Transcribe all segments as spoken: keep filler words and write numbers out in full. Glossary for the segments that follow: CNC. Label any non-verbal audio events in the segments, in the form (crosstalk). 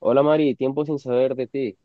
Hola Mari, tiempo sin saber de ti.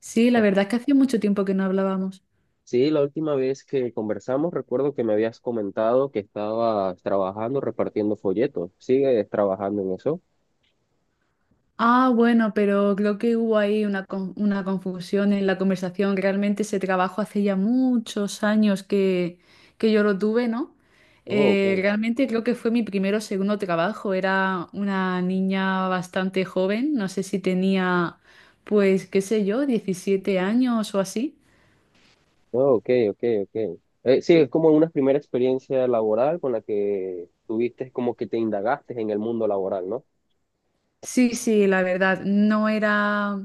Sí, la Ah, verdad es que hacía mucho tiempo que no hablábamos. sí, la última vez que conversamos recuerdo que me habías comentado que estabas trabajando repartiendo folletos. ¿Sigues trabajando en eso? Ah, bueno, pero creo que hubo ahí una, con- una confusión en la conversación. Realmente ese trabajo hace ya muchos años que, que yo lo tuve, ¿no? Oh, Eh, ok. Realmente creo que fue mi primero o segundo trabajo. Era una niña bastante joven, no sé si tenía, pues, qué sé yo, diecisiete años o así. Oh, ok, ok, ok. Eh, sí, es como una primera experiencia laboral con la que tuviste como que te indagaste en el mundo laboral, ¿no? Sí, sí, la verdad, no era,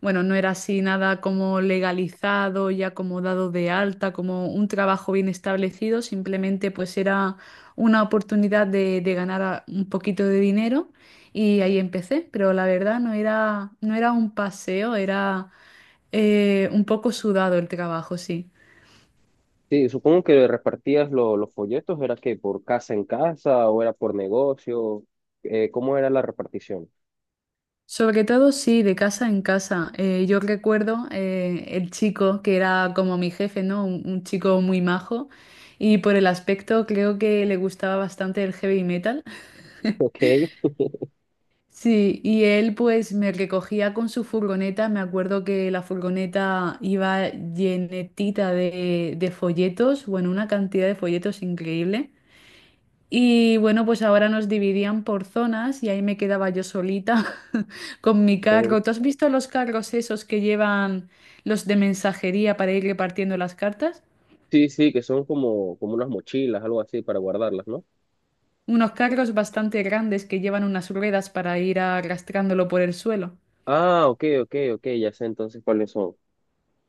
bueno, no era así nada como legalizado y acomodado de alta, como un trabajo bien establecido, simplemente pues era una oportunidad de, de ganar a- un poquito de dinero y ahí empecé, pero la verdad no era, no era un paseo, era eh, un poco sudado el trabajo, sí. Sí, supongo que repartías lo- los folletos, ¿era que por casa en casa o era por negocio? Eh, ¿cómo era la repartición? Sobre todo, sí, de casa en casa. Eh, yo recuerdo eh, el chico que era como mi jefe, ¿no? Un, un chico muy majo y por el aspecto creo que le gustaba bastante el heavy metal. Ok, Sí, y él pues me recogía con su furgoneta. Me acuerdo que la furgoneta iba llenetita de, de folletos, bueno, una cantidad de folletos increíble. Y bueno, pues ahora nos dividían por zonas y ahí me quedaba yo solita (laughs) con mi ok. carro. ¿Tú has visto los carros esos que llevan los de mensajería para ir repartiendo las cartas? Sí, sí, que son como, como unas mochilas, algo así, para guardarlas, ¿no? Unos carros bastante grandes que llevan unas ruedas para ir arrastrándolo por el suelo. Ah, ok, ok, ok, ya sé entonces cuáles son.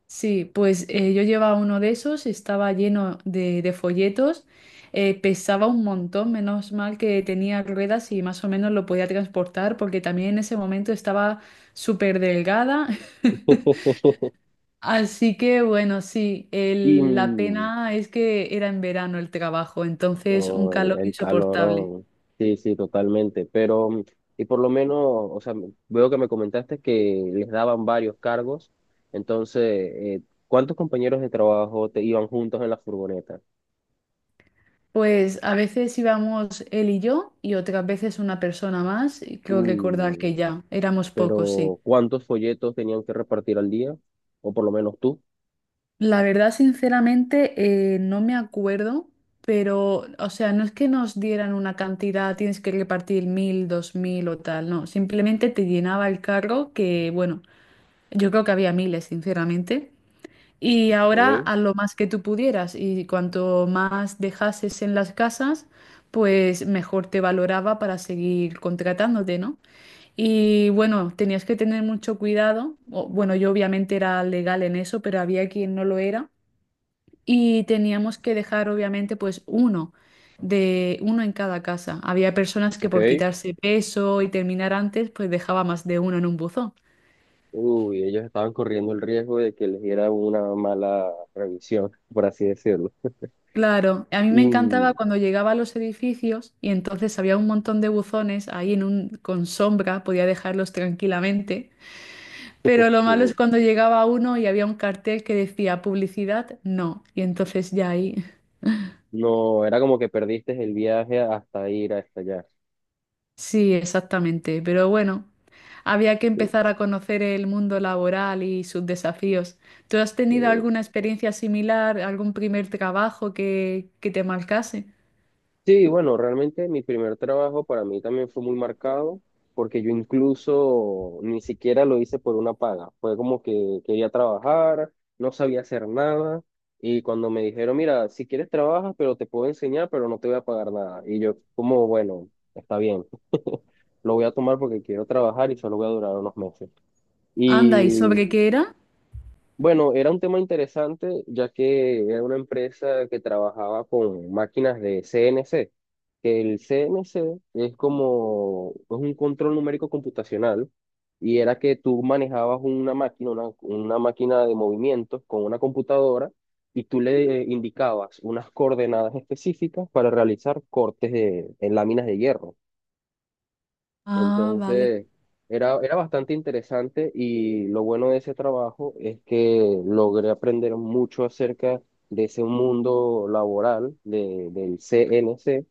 Sí, pues eh, yo llevaba uno de esos, estaba lleno de, de folletos, eh, pesaba un montón, menos mal que tenía ruedas y más o menos lo podía transportar porque también en ese momento estaba súper delgada. (laughs) Así que bueno, sí, Y el- la mm, pena es que era en verano el trabajo, entonces un oh, calor el insoportable. calorón. Sí, sí, totalmente. Pero, mm, y por lo menos, o sea, m- veo que me comentaste que les daban varios cargos. Entonces, eh, ¿Cuántos compañeros de trabajo te iban juntos en la furgoneta? Pues a veces íbamos él y yo y otras veces una persona más, y creo recordar que Uy, ya éramos pocos, sí. pero ¿cuántos folletos tenían que repartir al día? O por lo menos tú. La verdad, sinceramente, eh, no me acuerdo, pero, o sea, no es que nos dieran una cantidad, tienes que repartir mil, dos mil o tal, no, simplemente te llenaba el carro que, bueno, yo creo que había miles, sinceramente. Y ahora Ok, a lo más que tú pudieras y cuanto más dejases en las casas, pues mejor te valoraba para seguir contratándote, ¿no? Y bueno, tenías que tener mucho cuidado. O- bueno, yo obviamente era legal en eso, pero había quien no lo era. Y teníamos que dejar obviamente pues uno de uno en cada casa. Había personas que por ok. quitarse peso y terminar antes, pues dejaba más de uno en un buzón. Uy, ellos estaban corriendo el riesgo de que les diera una mala revisión, por así decirlo. Claro, a mí me Y encantaba mm, cuando llegaba a los edificios y entonces había un montón de buzones ahí en un, con sombra, podía dejarlos tranquilamente, pero lo malo es cuando llegaba uno y había un cartel que decía publicidad, no, y entonces ya ahí, no, era como que perdiste el viaje hasta ir hasta allá. sí, exactamente, pero bueno, había que Sí. empezar a conocer el mundo laboral y sus desafíos. ¿Tú has tenido eh, alguna experiencia similar, algún primer trabajo que, que te marcase? Sí, bueno, realmente mi primer trabajo para mí también fue muy marcado, porque yo incluso ni siquiera lo hice por una paga. Fue como que quería trabajar, no sabía hacer nada, y cuando me dijeron, mira, si quieres trabajas, pero te puedo enseñar, pero no te voy a pagar nada. Y yo, como, bueno, está bien. (laughs) Lo voy a tomar porque quiero trabajar y solo voy a durar unos meses. Anda, ¿y sobre qué era? Bueno, era un tema interesante, ya que era una empresa que trabajaba con máquinas de C N C, que el C N C es como es un control numérico computacional, y era que tú manejabas una máquina, una, una máquina de movimientos con una computadora y tú le indicabas unas coordenadas específicas para realizar cortes de, en láminas de hierro. Ah, vale. Entonces, era, era bastante interesante y lo bueno de ese trabajo es que logré aprender mucho acerca de ese mundo laboral de, del C N C,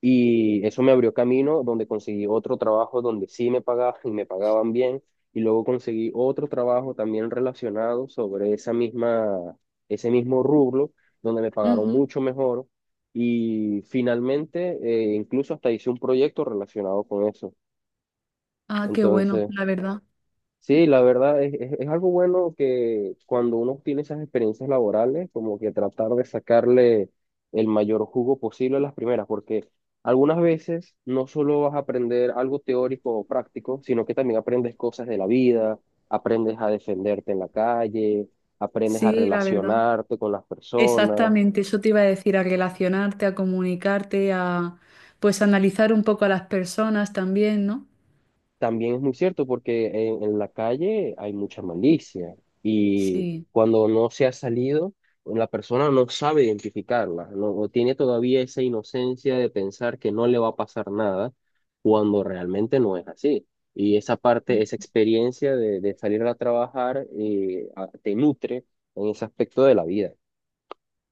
y eso me abrió camino donde conseguí otro trabajo donde sí me pagaban y me pagaban bien, y luego conseguí otro trabajo también relacionado sobre esa misma, ese mismo rubro, donde me pagaron Ujú. mucho mejor, y finalmente eh, incluso hasta hice un proyecto relacionado con eso. Ah, qué bueno, Entonces, la verdad. sí, la verdad es, es, es algo bueno que cuando uno tiene esas experiencias laborales, como que tratar de sacarle el mayor jugo posible a las primeras, porque algunas veces no solo vas a aprender algo teórico o práctico, sino que también aprendes cosas de la vida, aprendes a defenderte en la calle, aprendes a Sí, la verdad. relacionarte con las personas. Exactamente, eso te iba a decir, a relacionarte, a comunicarte, a pues analizar un poco a las personas también, ¿no? También es muy cierto porque en, en la calle hay mucha malicia, y Sí, cuando no se ha salido, la persona no sabe identificarla, no, o tiene todavía esa inocencia de pensar que no le va a pasar nada cuando realmente no es así. Y esa parte, esa mm, experiencia de, de salir a trabajar, eh, a- te nutre en ese aspecto de la vida.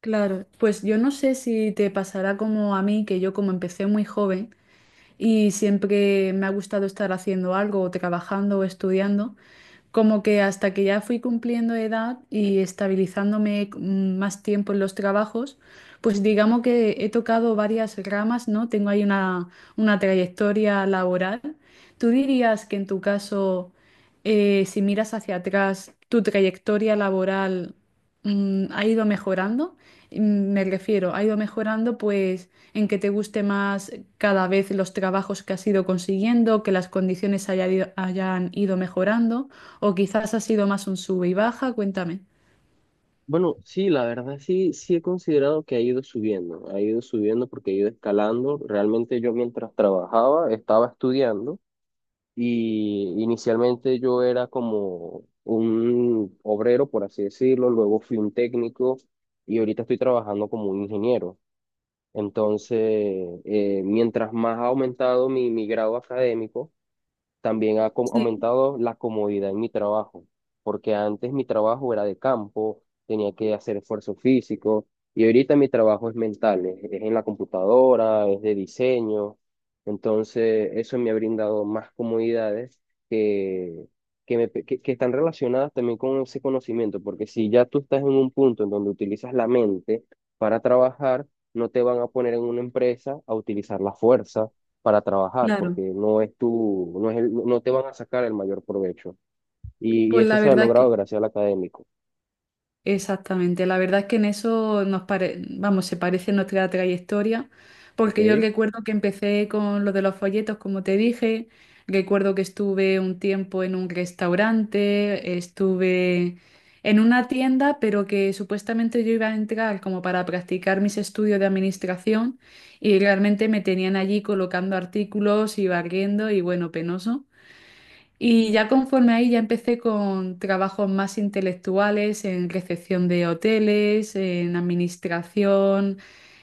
claro. Pues yo no sé si te pasará como a mí, que yo como empecé muy joven y siempre me ha gustado estar haciendo algo, o trabajando o estudiando. Como que hasta que ya fui cumpliendo edad y estabilizándome mm, más tiempo en los trabajos, pues digamos que he tocado varias ramas, ¿no? Tengo ahí una, una trayectoria laboral. ¿Tú dirías que en tu caso, eh, si miras hacia atrás, tu trayectoria laboral, mm, ha ido mejorando? Me refiero, ha ido mejorando pues en que te guste más cada vez los trabajos que has ido consiguiendo, que las condiciones haya ido- hayan ido mejorando, o quizás ha sido más un sube y baja, cuéntame. Bueno, sí, la verdad sí, sí he considerado que ha ido subiendo, ha ido subiendo porque ha ido escalando. Realmente yo mientras trabajaba estaba estudiando, y inicialmente yo era como un obrero, por así decirlo, luego fui un técnico y ahorita estoy trabajando como un ingeniero. Entonces, eh, mientras más ha aumentado mi, mi grado académico, también ha com- Sí, aumentado la comodidad en mi trabajo, porque antes mi trabajo era de campo, tenía que hacer esfuerzo físico, y ahorita mi trabajo es mental, es, es en la computadora, es de diseño. Entonces, eso me ha brindado más comodidades que, que, me que- que están relacionadas también con ese conocimiento, porque si ya tú estás en un punto en donde utilizas la mente para trabajar, no te van a poner en una empresa a utilizar la fuerza para trabajar, porque claro. no es tu, no es el- no no te van a sacar el mayor provecho. Y, y Pues eso la se ha verdad Eh, logrado que, gracias al académico. exactamente, la verdad es que en eso nos pare- vamos, se parece nuestra trayectoria, porque yo ¿Ok? recuerdo que empecé con lo de los folletos, como te dije, recuerdo que estuve un tiempo en un restaurante, estuve en una tienda, pero que supuestamente yo iba a entrar como para practicar mis estudios de administración y realmente me tenían allí colocando artículos y barriendo y bueno, penoso. Y ya conforme ahí ya empecé con trabajos más intelectuales en recepción de hoteles, en administración,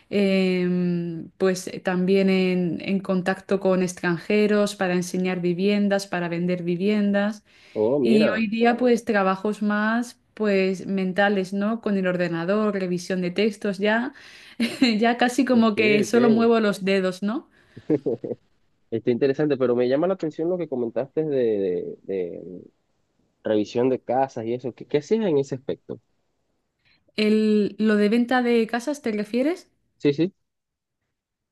em, pues eh, también en, en contacto con extranjeros para enseñar viviendas, para vender viviendas. Oh, Y mira. hoy día pues trabajos más pues mentales, ¿no? Con el ordenador, revisión de textos, ya, (laughs) ya casi Ok, como que solo ok. muevo los dedos, ¿no? (laughs) Está interesante, pero me llama la atención lo que comentaste de, de, de revisión de casas y eso. ¿Qué, qué hacías en ese aspecto? El, ¿lo de venta de casas te refieres? Sí, sí.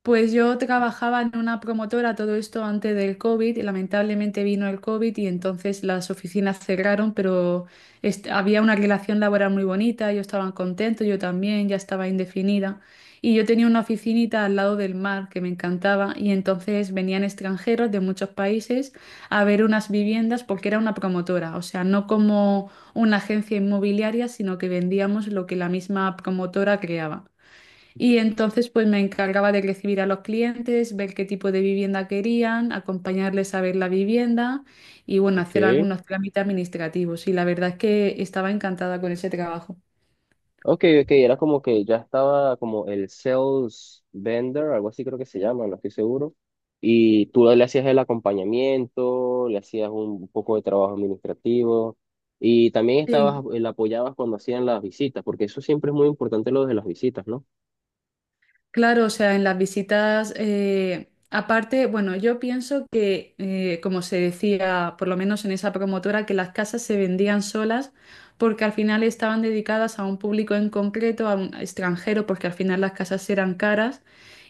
Pues yo trabajaba en una promotora todo esto antes del COVID y lamentablemente vino el COVID y entonces las oficinas cerraron, pero est- había una relación laboral muy bonita, ellos estaban contentos, yo también, ya estaba indefinida. Y yo tenía una oficinita al lado del mar que me encantaba y entonces venían extranjeros de muchos países a ver unas viviendas porque era una promotora, o sea, no como una agencia inmobiliaria, sino que vendíamos lo que la misma promotora creaba. Y entonces pues me encargaba de recibir a los clientes, ver qué tipo de vivienda querían, acompañarles a ver la vivienda y bueno, hacer Ok. algunos trámites administrativos. Y la verdad es que estaba encantada con ese trabajo. Ok, ok, era como que ya estaba como el sales vendor, algo así creo que se llama, no estoy seguro. Y tú le hacías el acompañamiento, le hacías un poco de trabajo administrativo y también Sí. estabas, le apoyabas cuando hacían las visitas, porque eso siempre es muy importante lo de las visitas, ¿no? Claro, o sea, en las visitas, eh, aparte, bueno, yo pienso que, eh, como se decía, por lo menos en esa promotora, que las casas se vendían solas porque al final estaban dedicadas a un público en concreto, a un extranjero, porque al final las casas eran caras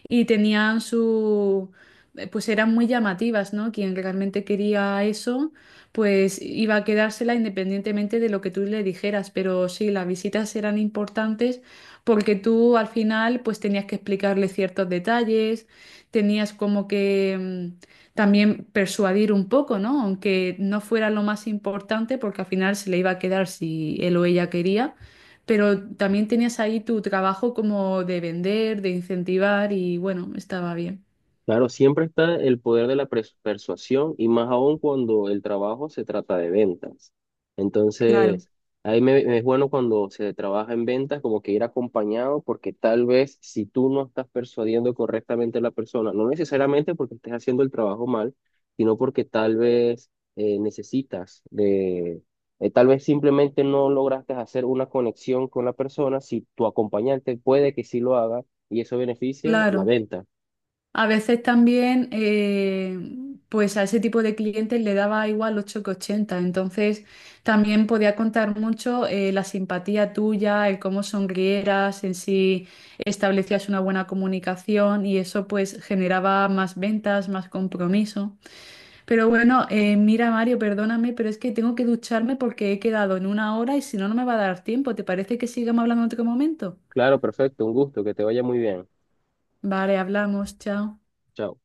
y tenían su, eh, pues eran muy llamativas, ¿no? Quien realmente quería eso, pues iba a quedársela independientemente de lo que tú le dijeras, pero sí, las visitas eran importantes porque tú al final pues tenías que explicarle ciertos detalles, tenías como que mm, también persuadir un poco, ¿no? Aunque no fuera lo más importante porque al final se le iba a quedar si él o ella quería, pero también tenías ahí tu trabajo como de vender, de incentivar y bueno, estaba bien. Claro, siempre está el poder de la pres- persuasión, y más aún cuando el trabajo se trata de ventas. Claro, Entonces, ahí me, me es bueno cuando se trabaja en ventas como que ir acompañado, porque tal vez si tú no estás persuadiendo correctamente a la persona, no necesariamente porque estés haciendo el trabajo mal, sino porque tal vez eh, necesitas de, eh, tal vez simplemente no lograste hacer una conexión con la persona, si tu acompañante puede que sí lo haga, y eso beneficia la claro. venta. A veces también, eh, pues a ese tipo de clientes le daba igual ocho que ochenta. Entonces, también podía contar mucho eh, la simpatía tuya, el cómo sonrieras, en si establecías una buena comunicación y eso pues generaba más ventas, más compromiso. Pero bueno, eh, mira Mario, perdóname, pero es que tengo que ducharme porque he quedado en una hora y si no, no me va a dar tiempo. ¿Te parece que sigamos hablando en otro momento? Claro, perfecto, un gusto, que te vaya muy bien. Vale, hablamos, chao. Chao.